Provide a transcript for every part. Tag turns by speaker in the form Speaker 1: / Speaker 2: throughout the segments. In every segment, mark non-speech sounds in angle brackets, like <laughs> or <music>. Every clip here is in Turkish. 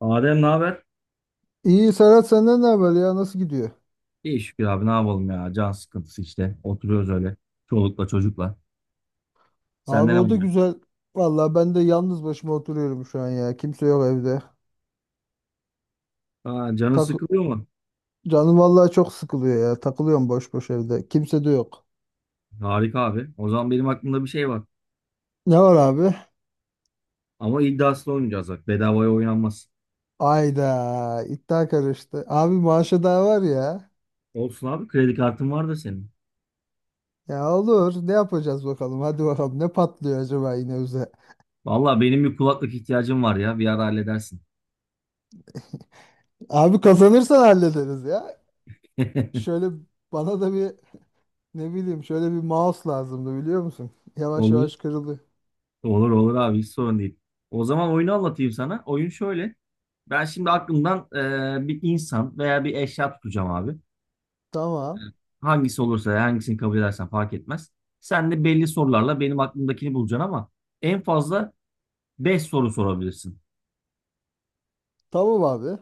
Speaker 1: Adem ne haber?
Speaker 2: İyi Serhat, senden ne haber ya? Nasıl gidiyor?
Speaker 1: İyi şükür abi, ne yapalım ya. Can sıkıntısı işte. Oturuyoruz öyle. Çolukla çocukla.
Speaker 2: Abi,
Speaker 1: Sende ne
Speaker 2: o da
Speaker 1: oluyor?
Speaker 2: güzel. Vallahi ben de yalnız başıma oturuyorum şu an ya. Kimse yok evde.
Speaker 1: Aa, canın
Speaker 2: Tak
Speaker 1: sıkılıyor mu?
Speaker 2: Canım vallahi çok sıkılıyor ya. Takılıyorum boş boş evde. Kimse de yok.
Speaker 1: Harika abi. O zaman benim aklımda bir şey var.
Speaker 2: Ne var abi?
Speaker 1: Ama iddiaslı oynayacağız bak. Bedavaya oynanmaz.
Speaker 2: Ayda iddia karıştı. Abi maaşı daha var ya.
Speaker 1: Olsun abi, kredi kartın var da senin.
Speaker 2: Ya olur. Ne yapacağız bakalım? Hadi bakalım. Ne patlıyor acaba yine bize?
Speaker 1: Valla benim bir kulaklık ihtiyacım var ya. Bir ara halledersin.
Speaker 2: Abi kazanırsan hallederiz ya.
Speaker 1: <laughs>
Speaker 2: Şöyle bana da bir, ne bileyim, şöyle bir mouse lazımdı, biliyor musun? Yavaş
Speaker 1: Olur.
Speaker 2: yavaş kırıldı.
Speaker 1: Olur olur abi, hiç sorun değil. O zaman oyunu anlatayım sana. Oyun şöyle. Ben şimdi aklımdan bir insan veya bir eşya tutacağım abi.
Speaker 2: Tamam.
Speaker 1: Hangisi olursa, hangisini kabul edersen fark etmez. Sen de belli sorularla benim aklımdakini bulacaksın, ama en fazla 5 soru sorabilirsin.
Speaker 2: Tamam abi.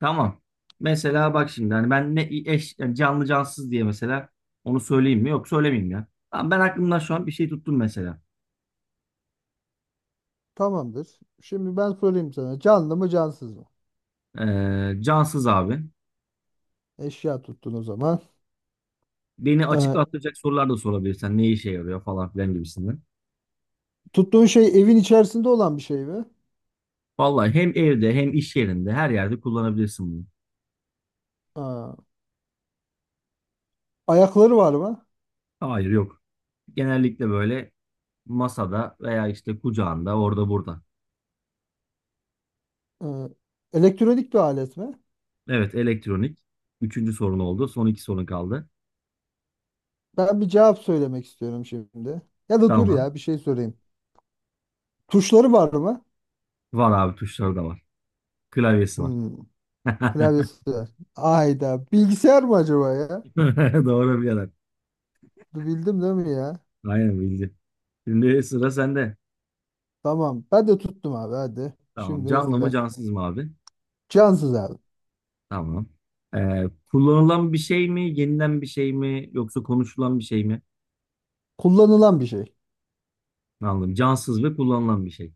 Speaker 1: Tamam. Mesela bak şimdi, hani ben ne eş, yani canlı cansız diye, mesela onu söyleyeyim mi? Yok, söylemeyeyim ya. Tamam, ben aklımdan şu an bir şey tuttum mesela.
Speaker 2: Tamamdır. Şimdi ben sorayım sana. Canlı mı cansız mı?
Speaker 1: Cansız abi.
Speaker 2: Eşya tuttun o zaman.
Speaker 1: Beni
Speaker 2: Ee,
Speaker 1: açıklatacak sorular da sorabilirsen, ne işe yarıyor falan filan gibisinden.
Speaker 2: tuttuğun şey evin içerisinde olan bir şey mi?
Speaker 1: Vallahi hem evde hem iş yerinde her yerde kullanabilirsin bunu.
Speaker 2: Aa, ayakları var mı?
Speaker 1: Hayır, yok. Genellikle böyle masada veya işte kucağında, orada burada.
Speaker 2: Ee, elektronik bir alet mi?
Speaker 1: Evet, elektronik. Üçüncü sorun oldu. Son iki sorun kaldı.
Speaker 2: Ben bir cevap söylemek istiyorum şimdi. Ya da dur
Speaker 1: Tamam.
Speaker 2: ya, bir şey sorayım. Tuşları var mı?
Speaker 1: Var abi, tuşları da var. Klavyesi var.
Speaker 2: Hmm,
Speaker 1: <laughs>
Speaker 2: klavyesi var. Ayda. Bilgisayar mı acaba ya?
Speaker 1: Doğru birader.
Speaker 2: Bildim değil mi ya?
Speaker 1: Aynen bildi. Şimdi sıra sende.
Speaker 2: Tamam. Ben de tuttum abi, hadi.
Speaker 1: Tamam.
Speaker 2: Şimdi
Speaker 1: Canlı mı
Speaker 2: hızlı.
Speaker 1: cansız mı abi?
Speaker 2: Cansız abi.
Speaker 1: Tamam. Kullanılan bir şey mi? Yenilen bir şey mi? Yoksa konuşulan bir şey mi?
Speaker 2: Kullanılan bir şey.
Speaker 1: Anladım. Cansız ve kullanılan bir şey.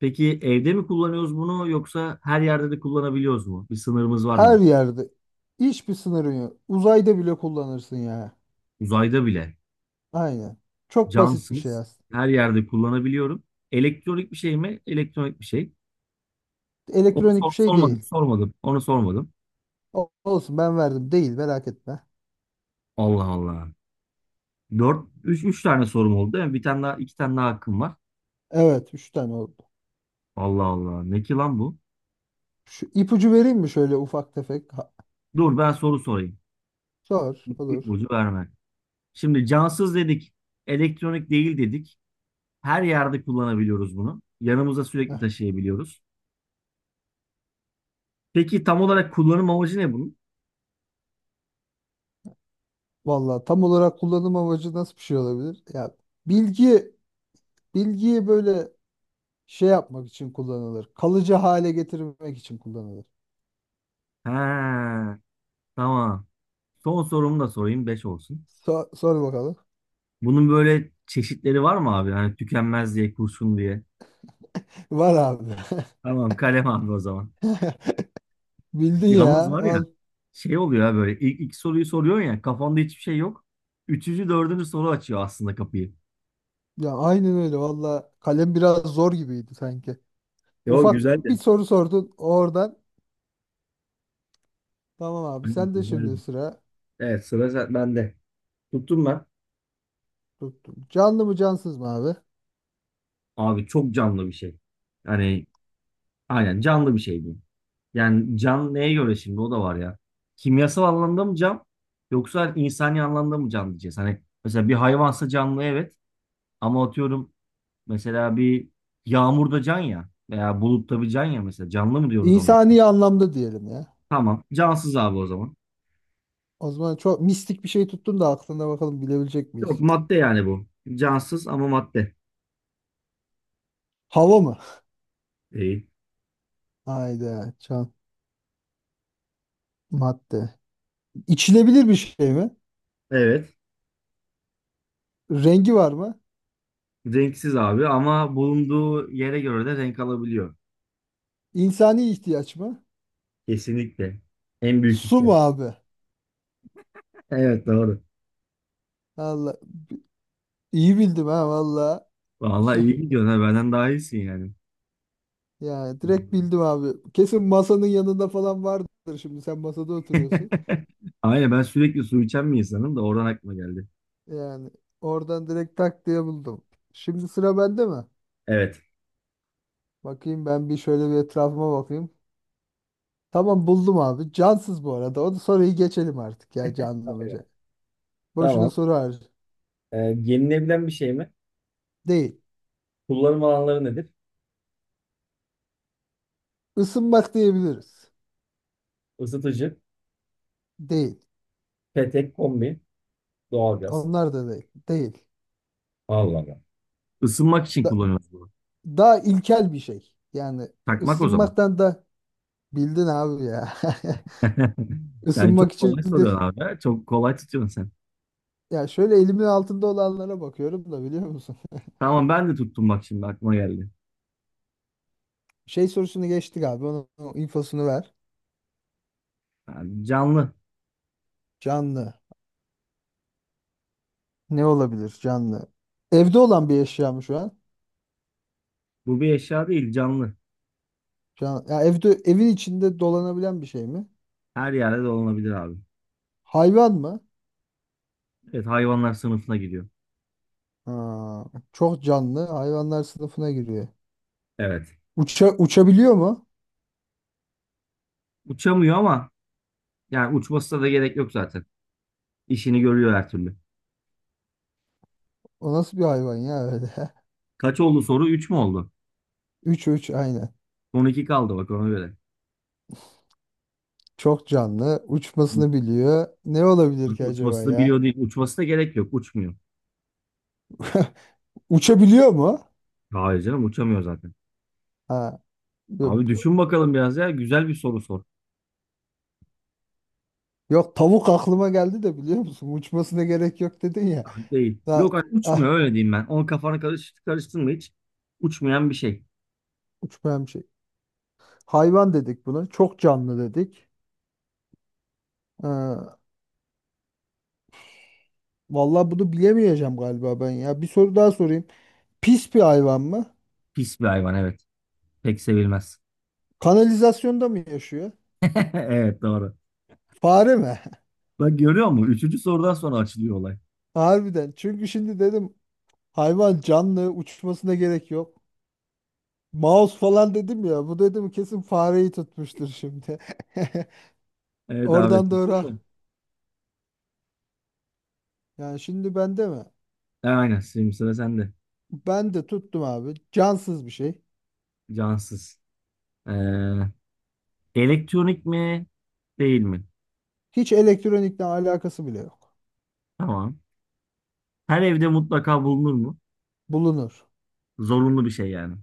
Speaker 1: Peki evde mi kullanıyoruz bunu, yoksa her yerde de kullanabiliyoruz mu? Bir sınırımız var
Speaker 2: Her
Speaker 1: mı?
Speaker 2: yerde. Hiçbir sınırın yok. Uzayda bile kullanırsın ya.
Speaker 1: Uzayda bile
Speaker 2: Aynen. Çok basit bir şey
Speaker 1: camsız
Speaker 2: aslında.
Speaker 1: her yerde kullanabiliyorum. Elektronik bir şey mi? Elektronik bir şey. Onu
Speaker 2: Elektronik bir şey
Speaker 1: sormadım,
Speaker 2: değil.
Speaker 1: sormadım. Onu sormadım.
Speaker 2: Olsun ben verdim. Değil, merak etme.
Speaker 1: Allah Allah. Dört, üç tane sorum oldu. Yani bir tane daha, iki tane daha hakkım var.
Speaker 2: Evet, 3 tane oldu.
Speaker 1: Allah Allah. Ne ki lan bu?
Speaker 2: Şu ipucu vereyim mi şöyle ufak tefek? Ha,
Speaker 1: Dur ben soru sorayım.
Speaker 2: sor olur.
Speaker 1: İlk verme. Şimdi cansız dedik. Elektronik değil dedik. Her yerde kullanabiliyoruz bunu. Yanımıza
Speaker 2: Heh.
Speaker 1: sürekli taşıyabiliyoruz. Peki tam olarak kullanım amacı ne bunun?
Speaker 2: Vallahi tam olarak kullanım amacı nasıl bir şey olabilir? Ya bilgi bilgiyi böyle şey yapmak için kullanılır. Kalıcı hale getirmek için kullanılır.
Speaker 1: Ha, tamam. Son sorumu da sorayım, 5 olsun.
Speaker 2: Sor bakalım.
Speaker 1: Bunun böyle çeşitleri var mı abi? Hani tükenmez diye, kurşun diye.
Speaker 2: <laughs> Var abi.
Speaker 1: Tamam, kalem abi o zaman.
Speaker 2: <laughs> Bildin
Speaker 1: Yalnız
Speaker 2: ya.
Speaker 1: var ya,
Speaker 2: Al.
Speaker 1: şey oluyor ya, böyle ilk soruyu soruyorsun ya, kafanda hiçbir şey yok. Üçüncü, dördüncü soru açıyor aslında kapıyı.
Speaker 2: Ya aynen öyle valla, kalem biraz zor gibiydi sanki.
Speaker 1: E o
Speaker 2: Ufak bir
Speaker 1: güzeldi.
Speaker 2: soru sordun oradan. Tamam abi,
Speaker 1: Aynen,
Speaker 2: sen de şimdi
Speaker 1: güzeldi.
Speaker 2: sıra
Speaker 1: Evet, sıra bende. Tuttum ben.
Speaker 2: tuttum. Canlı mı cansız mı abi?
Speaker 1: Abi çok canlı bir şey. Yani aynen canlı bir şey diyeyim. Yani can neye göre şimdi, o da var ya. Kimyasal anlamda mı can, yoksa insani anlamda mı can diyeceğiz. Hani mesela bir hayvansa canlı, evet, ama atıyorum, mesela bir yağmurda can ya, veya bulutta bir can ya, mesela canlı mı diyoruz onlara?
Speaker 2: İnsani anlamda diyelim ya.
Speaker 1: Tamam. Cansız abi o zaman.
Speaker 2: O zaman çok mistik bir şey tuttun da aklına, bakalım bilebilecek
Speaker 1: Yok,
Speaker 2: miyiz?
Speaker 1: madde yani bu. Cansız ama madde.
Speaker 2: Hava mı?
Speaker 1: Değil.
Speaker 2: Hayda, can madde. İçilebilir bir şey mi?
Speaker 1: Evet.
Speaker 2: Rengi var mı?
Speaker 1: Renksiz abi, ama bulunduğu yere göre de renk alabiliyor.
Speaker 2: İnsani ihtiyaç mı?
Speaker 1: Kesinlikle. En büyük
Speaker 2: Su mu
Speaker 1: ihtiyaç.
Speaker 2: abi?
Speaker 1: <laughs> Evet, doğru.
Speaker 2: Allah, iyi bildim ha valla.
Speaker 1: Vallahi iyi gidiyorsun ha. Benden daha iyisin yani.
Speaker 2: Ya direkt bildim abi. Kesin masanın yanında falan vardır şimdi. Sen masada oturuyorsun.
Speaker 1: <laughs> Aynen, ben sürekli su içen bir insanım da oradan aklıma geldi.
Speaker 2: Yani oradan direkt tak diye buldum. Şimdi sıra bende mi?
Speaker 1: Evet.
Speaker 2: Bakayım ben, bir şöyle bir etrafıma bakayım. Tamam, buldum abi. Cansız bu arada. O da soruyu geçelim artık ya, canlı mı? Boşuna
Speaker 1: Tamam.
Speaker 2: soru harcı.
Speaker 1: Yenilebilen bir şey mi?
Speaker 2: Değil.
Speaker 1: Kullanım alanları nedir?
Speaker 2: Isınmak diyebiliriz.
Speaker 1: Isıtıcı.
Speaker 2: Değil.
Speaker 1: Petek, kombi, doğalgaz.
Speaker 2: Onlar da değil. Değil.
Speaker 1: Allah Allah. Isınmak için
Speaker 2: Da-
Speaker 1: kullanıyoruz bunu.
Speaker 2: daha ilkel bir şey. Yani
Speaker 1: Takmak o zaman.
Speaker 2: ısınmaktan da bildin abi ya.
Speaker 1: <laughs>
Speaker 2: <laughs>
Speaker 1: Sen
Speaker 2: Isınmak
Speaker 1: çok
Speaker 2: için
Speaker 1: kolay
Speaker 2: de.
Speaker 1: soruyorsun abi, ha. Çok kolay tutuyorsun sen.
Speaker 2: Ya şöyle elimin altında olanlara bakıyorum da, biliyor musun?
Speaker 1: Tamam, ben de tuttum bak, şimdi aklıma geldi.
Speaker 2: <laughs> Şey sorusunu geçtik abi. Onun infosunu ver.
Speaker 1: Yani canlı.
Speaker 2: Canlı. Ne olabilir canlı? Evde olan bir eşya mı şu an?
Speaker 1: Bu bir eşya değil, canlı.
Speaker 2: Ya evde, evin içinde dolanabilen bir şey mi?
Speaker 1: Her yerde dolanabilir abi.
Speaker 2: Hayvan mı?
Speaker 1: Evet, hayvanlar sınıfına giriyor.
Speaker 2: Ha, çok canlı. Hayvanlar sınıfına giriyor.
Speaker 1: Evet.
Speaker 2: Uçabiliyor mu?
Speaker 1: Uçamıyor, ama yani uçmasına da gerek yok zaten. İşini görüyor her türlü.
Speaker 2: O nasıl bir hayvan ya öyle? <laughs>
Speaker 1: Kaç oldu soru? Üç mü oldu?
Speaker 2: 3 3 aynen.
Speaker 1: Son 2 kaldı bak, ona göre.
Speaker 2: Çok canlı. Uçmasını biliyor. Ne olabilir ki acaba
Speaker 1: Uçması da biliyor
Speaker 2: ya?
Speaker 1: değil. Uçması da gerek yok. Uçmuyor.
Speaker 2: <laughs> Uçabiliyor mu?
Speaker 1: Hayır canım, uçamıyor zaten.
Speaker 2: Ha.
Speaker 1: Abi düşün bakalım biraz ya. Güzel bir soru sor.
Speaker 2: Yok, tavuk aklıma geldi de biliyor musun? Uçmasına gerek yok dedin ya.
Speaker 1: Ah, değil. Yok
Speaker 2: Da,
Speaker 1: abi,
Speaker 2: ah,
Speaker 1: uçmuyor öyle diyeyim ben. Onun kafana karıştırma hiç. Uçmayan bir şey.
Speaker 2: uçmayan bir şey. Hayvan dedik buna. Çok canlı dedik. Ee, vallahi bunu bilemeyeceğim galiba ben ya. Bir soru daha sorayım. Pis bir hayvan mı?
Speaker 1: Pis bir hayvan, evet. Pek sevilmez.
Speaker 2: Kanalizasyonda mı yaşıyor?
Speaker 1: <laughs> Evet, doğru.
Speaker 2: Fare mi?
Speaker 1: Bak görüyor musun? Üçüncü sorudan sonra açılıyor olay.
Speaker 2: <laughs> Harbiden. Çünkü şimdi dedim, hayvan canlı uçmasına gerek yok. Mouse falan dedim ya. Bu dedim kesin fareyi tutmuştur şimdi. <laughs>
Speaker 1: Evet abi.
Speaker 2: Oradan
Speaker 1: Tutun
Speaker 2: doğru.
Speaker 1: mu?
Speaker 2: Yani şimdi bende mi?
Speaker 1: Aynen. Şimdi sıra sende.
Speaker 2: Ben de tuttum abi. Cansız bir şey.
Speaker 1: Cansız. Ee, elektronik mi? Değil mi?
Speaker 2: Hiç elektronikle alakası bile yok.
Speaker 1: Tamam. Her evde mutlaka bulunur mu?
Speaker 2: Bulunur.
Speaker 1: Zorunlu bir şey yani.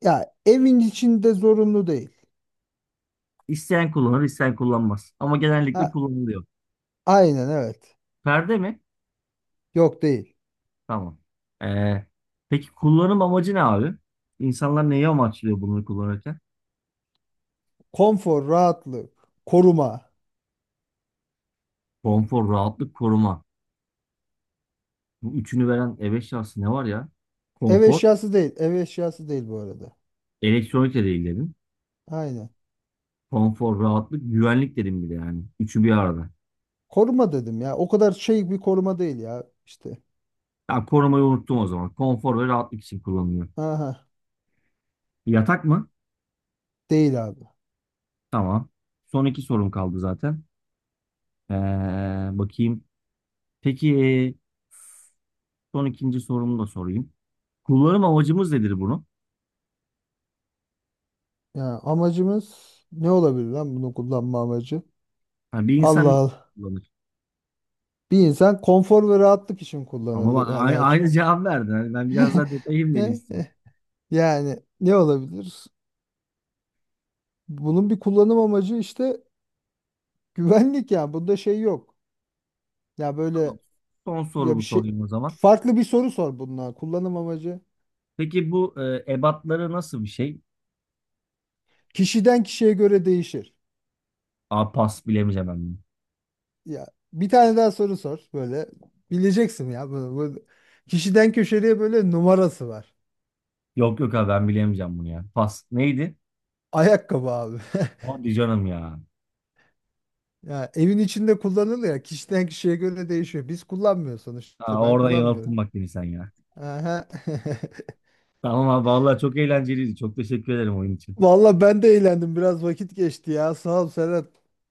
Speaker 2: Ya evin içinde zorunlu değil.
Speaker 1: İsteyen kullanır, isteyen kullanmaz. Ama genellikle
Speaker 2: Ha,
Speaker 1: kullanılıyor.
Speaker 2: aynen evet.
Speaker 1: Perde mi?
Speaker 2: Yok, değil.
Speaker 1: Tamam. Ee, peki kullanım amacı ne abi? İnsanlar neyi amaçlıyor bunları kullanırken?
Speaker 2: Konfor, rahatlık, koruma.
Speaker 1: Konfor, rahatlık, koruma. Bu üçünü veren E5 şansı ne var ya?
Speaker 2: Ev
Speaker 1: Konfor,
Speaker 2: eşyası değil. Ev eşyası değil bu arada.
Speaker 1: elektronik de değil dedim.
Speaker 2: Aynen.
Speaker 1: Konfor, rahatlık, güvenlik dedim bir de yani. Üçü bir arada.
Speaker 2: Koruma dedim ya. O kadar şey, bir koruma değil ya işte.
Speaker 1: Ya, korumayı unuttum o zaman. Konfor ve rahatlık için kullanılıyor.
Speaker 2: Aha,
Speaker 1: Yatak mı?
Speaker 2: değil abi.
Speaker 1: Tamam. Son iki sorum kaldı zaten. Ee, bakayım. Peki son ikinci sorumu da sorayım. Kullanım amacımız nedir bunu?
Speaker 2: Ya amacımız ne olabilir lan bunu kullanma amacı?
Speaker 1: Yani bir
Speaker 2: Allah
Speaker 1: insan.
Speaker 2: Allah. Bir insan konfor ve rahatlık için
Speaker 1: Ama bak,
Speaker 2: kullanırdı. Ya
Speaker 1: aynı,
Speaker 2: daha hiç-
Speaker 1: aynı cevap verdin. Hani ben biraz daha detayım beni istiyorum.
Speaker 2: <laughs> Yani ne olabilir? Bunun bir kullanım amacı işte güvenlik ya. Bunda şey yok. Ya
Speaker 1: Tamam.
Speaker 2: böyle,
Speaker 1: Son
Speaker 2: ya bir
Speaker 1: sorumu
Speaker 2: şey,
Speaker 1: sorayım o zaman.
Speaker 2: farklı bir soru sor bununla. Kullanım amacı
Speaker 1: Peki bu ebatları nasıl bir şey?
Speaker 2: kişiden kişiye göre değişir.
Speaker 1: Aa, pas, bilemeyeceğim ben bunu.
Speaker 2: Ya bir tane daha soru sor, böyle bileceksin ya bunu. Bu, kişiden köşeye böyle numarası var.
Speaker 1: Yok yok abi, ben bilemeyeceğim bunu ya. Pas neydi?
Speaker 2: Ayakkabı abi. <laughs>
Speaker 1: Hadi canım ya.
Speaker 2: Ya evin içinde kullanılıyor, ya kişiden kişiye göre değişiyor. Biz kullanmıyoruz
Speaker 1: Aa,
Speaker 2: sonuçta. Ben
Speaker 1: orada
Speaker 2: kullanmıyorum.
Speaker 1: yanılttın bak beni sen ya.
Speaker 2: Aha. <laughs>
Speaker 1: Tamam abi, vallahi çok eğlenceliydi. Çok teşekkür ederim oyun için.
Speaker 2: Valla ben de eğlendim. Biraz vakit geçti ya. Sağ ol Serhat.